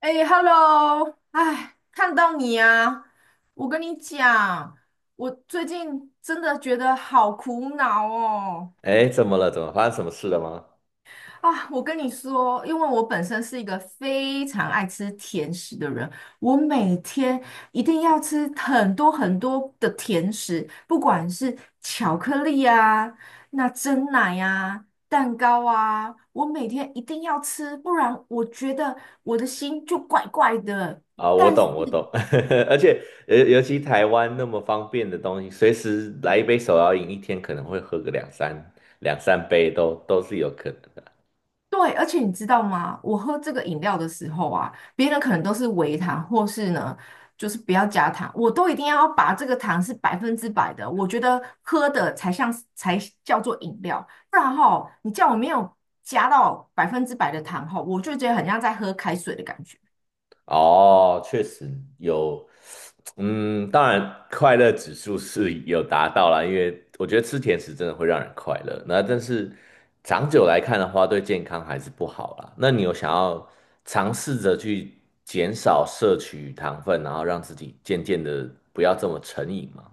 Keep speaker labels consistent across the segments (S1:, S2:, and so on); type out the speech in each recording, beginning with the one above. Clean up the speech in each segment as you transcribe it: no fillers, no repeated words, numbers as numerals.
S1: 哎，Hello，哎，看到你啊！我跟你讲，我最近真的觉得好苦恼哦。
S2: 哎，怎么了？怎么发生什么事了吗？
S1: 啊，我跟你说，因为我本身是一个非常爱吃甜食的人，我每天一定要吃很多很多的甜食，不管是巧克力啊、那蒸奶啊、蛋糕啊，我每天一定要吃，不然我觉得我的心就怪怪的。
S2: 啊，我
S1: 但
S2: 懂，我懂，而且尤其台湾那么方便的东西，随时来一杯手摇饮，一天可能会喝个两三杯都是有可能的。
S1: 对，而且你知道吗？我喝这个饮料的时候啊，别人可能都是微糖，或是呢，就是不要加糖，我都一定要把这个糖是百分之百的。我觉得喝的才像是才叫做饮料，不然哈，你叫我没有加到百分之百的糖哈，我就觉得很像在喝开水的感觉。
S2: 哦，确实有，嗯，当然快乐指数是有达到啦，因为我觉得吃甜食真的会让人快乐。那但是长久来看的话，对健康还是不好啦。那你有想要尝试着去减少摄取糖分，然后让自己渐渐的不要这么成瘾吗？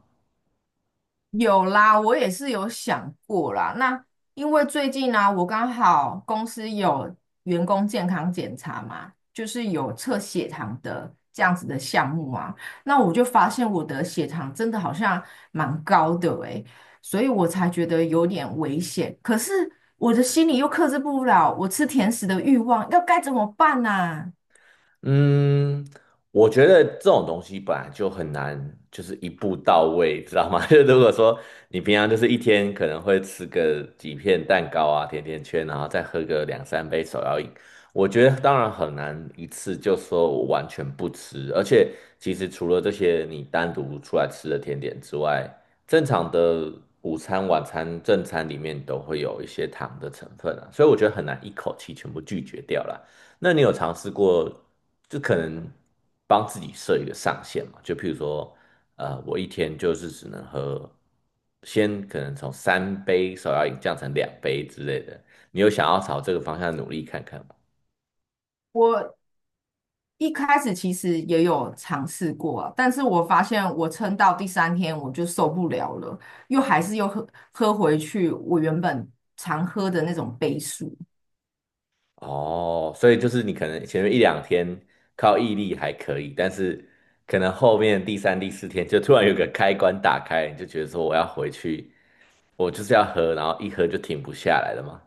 S1: 有啦，我也是有想过啦。那因为最近呢、我刚好公司有员工健康检查嘛，就是有测血糖的这样子的项目啊。那我就发现我的血糖真的好像蛮高的诶，所以我才觉得有点危险。可是我的心里又克制不了我吃甜食的欲望，要该怎么办呢、
S2: 嗯，我觉得这种东西本来就很难，就是一步到位，知道吗？就如果说你平常就是一天可能会吃个几片蛋糕啊、甜甜圈，然后再喝个两三杯手摇饮，我觉得当然很难一次就说我完全不吃。而且其实除了这些你单独出来吃的甜点之外，正常的午餐、晚餐、正餐里面都会有一些糖的成分啊，所以我觉得很难一口气全部拒绝掉啦。那你有尝试过，就可能帮自己设一个上限嘛？就譬如说，我一天就是只能喝，先可能从三杯手要饮降成两杯之类的。你有想要朝这个方向努力看看吗？
S1: 我一开始其实也有尝试过啊，但是我发现我撑到第三天我就受不了了，又还是又喝回去我原本常喝的那种杯数。
S2: 哦，所以就是你可能前面一两天靠毅力还可以，但是可能后面第三、第四天就突然有个开关打开，你就觉得说我要回去，我就是要喝，然后一喝就停不下来了吗？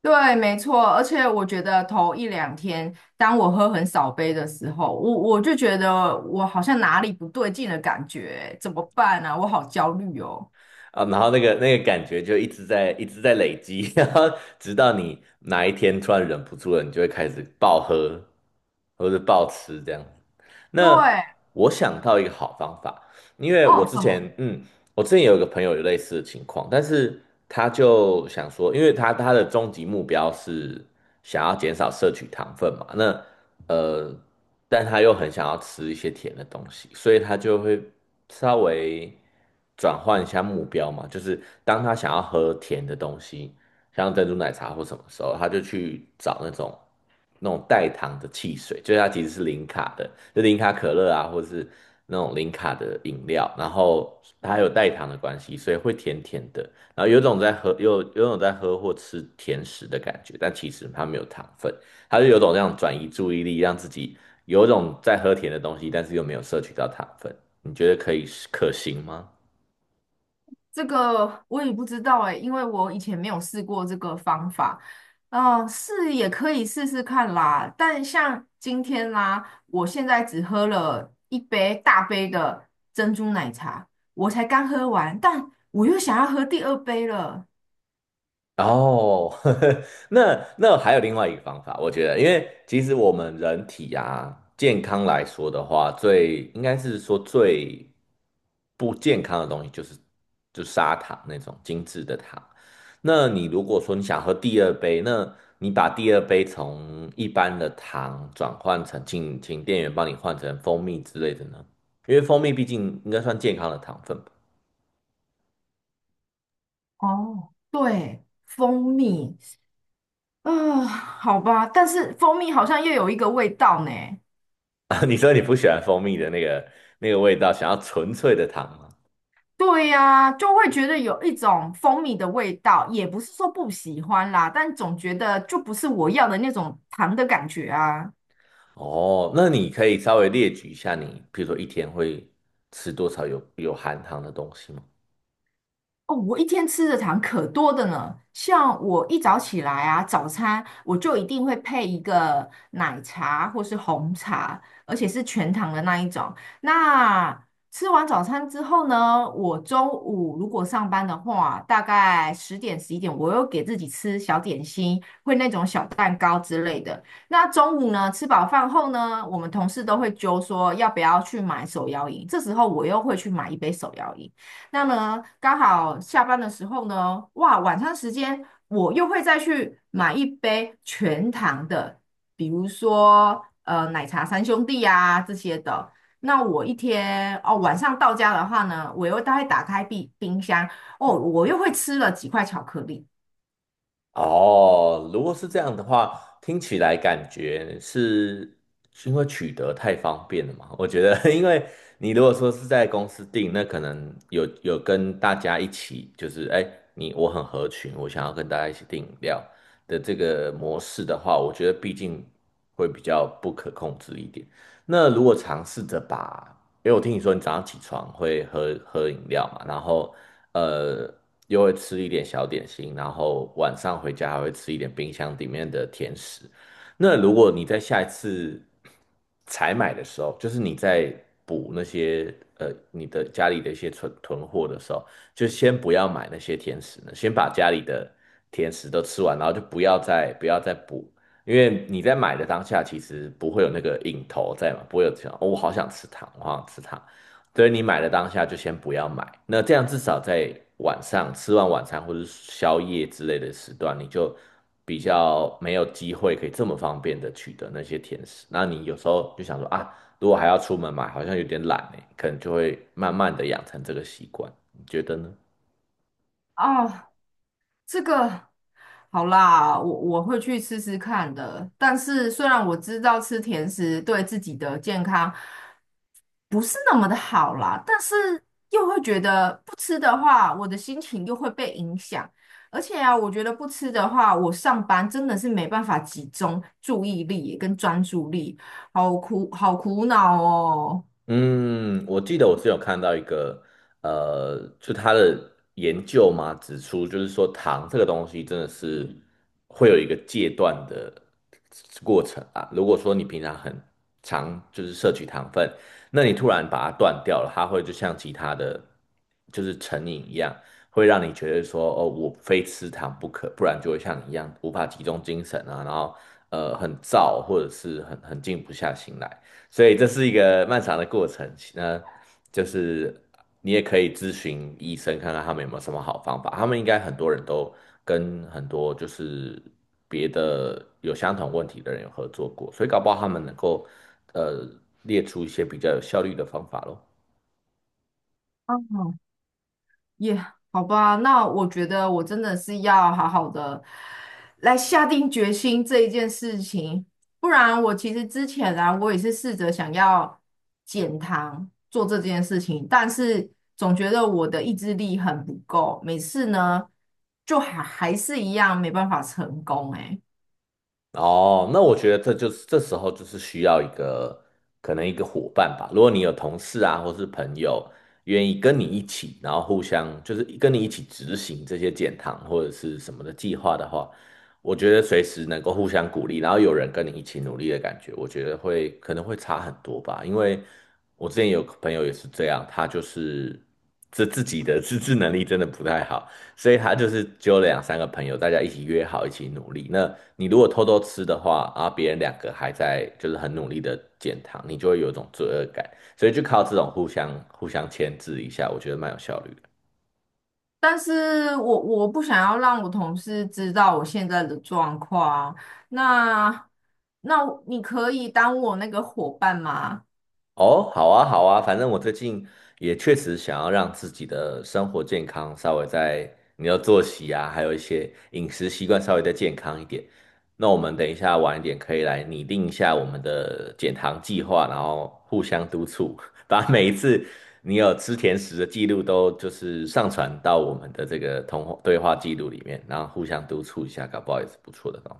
S1: 对，没错，而且我觉得头一两天，当我喝很少杯的时候，我就觉得我好像哪里不对劲的感觉，怎么办啊？我好焦虑哦。
S2: 啊，然后那个感觉就一直在累积，然后直到你哪一天突然忍不住了，你就会开始暴喝或者暴吃这样。那
S1: 对，
S2: 我想到一个好方法，因为我
S1: 哦，
S2: 之
S1: 什么？
S2: 前我之前有一个朋友有类似的情况，但是他就想说，因为他的终极目标是想要减少摄取糖分嘛，那呃，但他又很想要吃一些甜的东西，所以他就会稍微转换一下目标嘛，就是当他想要喝甜的东西，像珍珠奶茶或什么时候，他就去找那种代糖的汽水，就是它其实是零卡的，就零卡可乐啊，或是那种零卡的饮料，然后它有代糖的关系，所以会甜甜的，然后有种在喝，有种在喝或吃甜食的感觉，但其实它没有糖分，它是有种这样转移注意力，让自己有种在喝甜的东西，但是又没有摄取到糖分，你觉得可行吗？
S1: 这个我也不知道哎，因为我以前没有试过这个方法。嗯、是也可以试试看啦。但像今天啦、我现在只喝了一杯大杯的珍珠奶茶，我才刚喝完，但我又想要喝第二杯了。
S2: 哦，呵呵，那还有另外一个方法，我觉得，因为其实我们人体啊，健康来说的话，最应该是说最不健康的东西就是就砂糖那种精致的糖。那你如果说你想喝第二杯，那你把第二杯从一般的糖转换成，请店员帮你换成蜂蜜之类的呢？因为蜂蜜毕竟应该算健康的糖分吧。
S1: 哦，对，蜂蜜，啊、好吧，但是蜂蜜好像又有一个味道呢。
S2: 啊，你说你不喜欢蜂蜜的那个味道，想要纯粹的糖吗？
S1: 对呀、就会觉得有一种蜂蜜的味道，也不是说不喜欢啦，但总觉得就不是我要的那种糖的感觉啊。
S2: 哦，那你可以稍微列举一下你，比如说一天会吃多少有含糖的东西吗？
S1: 哦，我一天吃的糖可多的呢，像我一早起来啊，早餐我就一定会配一个奶茶或是红茶，而且是全糖的那一种。那吃完早餐之后呢，我中午如果上班的话，大概10点11点，我又给自己吃小点心，会那种小蛋糕之类的。那中午呢，吃饱饭后呢，我们同事都会揪说要不要去买手摇饮，这时候我又会去买一杯手摇饮。那么刚好下班的时候呢，哇，晚餐时间我又会再去买一杯全糖的，比如说奶茶三兄弟啊这些的。那我一天哦，晚上到家的话呢，我又大概打开冰箱哦，我又会吃了几块巧克力
S2: 哦，如果是这样的话，听起来感觉是是因为取得太方便了嘛？我觉得，因为你如果说是在公司订，那可能有跟大家一起，就是哎，你我很合群，我想要跟大家一起订饮料的这个模式的话，我觉得毕竟会比较不可控制一点。那如果尝试着把因为我听你说你早上起床会喝饮料嘛，然后呃又会吃一点小点心，然后晚上回家还会吃一点冰箱里面的甜食。那如果你在下一次采买的时候，就是你在补那些你的家里的一些存囤货的时候，就先不要买那些甜食呢，先把家里的甜食都吃完，然后就不要再补因为你在买的当下，其实不会有那个瘾头在嘛，不会有这样，哦，我好想吃糖，我好想吃糖。所以你买的当下就先不要买，那这样至少在晚上吃完晚餐或者宵夜之类的时段，你就比较没有机会可以这么方便的取得那些甜食。那你有时候就想说啊，如果还要出门买，好像有点懒欸，可能就会慢慢的养成这个习惯，你觉得呢？
S1: 哦。这个好啦，我会去试试看的。但是虽然我知道吃甜食对自己的健康不是那么的好啦，但是又会觉得不吃的话，我的心情又会被影响。而且啊，我觉得不吃的话，我上班真的是没办法集中注意力跟专注力，好苦恼哦。
S2: 嗯，我记得我是有看到一个，就他的研究嘛，指出就是说糖这个东西真的是会有一个戒断的过程啊。如果说你平常很常就是摄取糖分，那你突然把它断掉了，它会就像其他的就是成瘾一样，会让你觉得说哦，我非吃糖不可，不然就会像你一样无法集中精神啊，然后呃很燥或者是很静不下心来。所以这是一个漫长的过程。那就是你也可以咨询医生，看看他们有没有什么好方法。他们应该很多人都跟很多就是别的有相同问题的人有合作过，所以搞不好他们能够呃列出一些比较有效率的方法咯。
S1: 嗯耶，好吧，那我觉得我真的是要好好的来下定决心这一件事情，不然我其实之前啊，我也是试着想要减糖做这件事情，但是总觉得我的意志力很不够，每次呢就还是一样没办法成功诶。
S2: 哦，那我觉得这就是这时候就是需要一个可能一个伙伴吧。如果你有同事啊，或是朋友愿意跟你一起，然后互相就是跟你一起执行这些减糖或者是什么的计划的话，我觉得随时能够互相鼓励，然后有人跟你一起努力的感觉，我觉得会可能会差很多吧。因为我之前有个朋友也是这样，他就是这自己的自制能力真的不太好。所以他就是揪了两三个朋友，大家一起约好一起努力。那你如果偷偷吃的话，啊，别人两个还在就是很努力的减糖，你就会有一种罪恶感。所以就靠这种互相牵制一下，我觉得蛮有效率的。
S1: 但是我不想要让我同事知道我现在的状况啊，那那你可以当我那个伙伴吗？
S2: 哦，好啊，好啊，反正我最近也确实想要让自己的生活健康稍微在你的作息啊，还有一些饮食习惯稍微再健康一点。那我们等一下晚一点可以来拟定一下我们的减糖计划，然后互相督促，把每一次你有吃甜食的记录都就是上传到我们的这个通话对话记录里面，然后互相督促一下，搞不好也是不错的哦。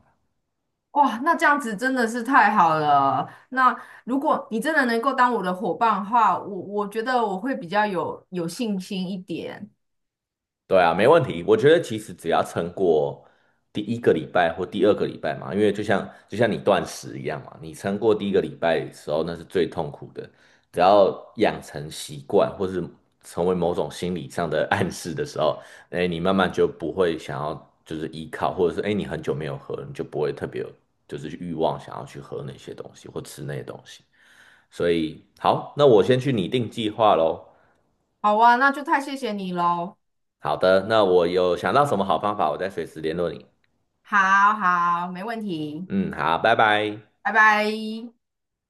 S1: 哇，那这样子真的是太好了。那如果你真的能够当我的伙伴的话，我觉得我会比较有信心一点。
S2: 对啊，没问题。我觉得其实只要撑过第一个礼拜或第二个礼拜嘛，因为就像你断食一样嘛，你撑过第一个礼拜的时候，那是最痛苦的。只要养成习惯，或是成为某种心理上的暗示的时候，哎，你慢慢就不会想要就是依靠，或者是哎你很久没有喝了你就不会特别有就是欲望想要去喝那些东西或吃那些东西。所以好，那我先去拟定计划喽。
S1: 好啊，那就太谢谢你喽。
S2: 好的，那我有想到什么好方法，我再随时联络你。
S1: 好好，没问题，
S2: 嗯，好，拜拜。
S1: 拜拜。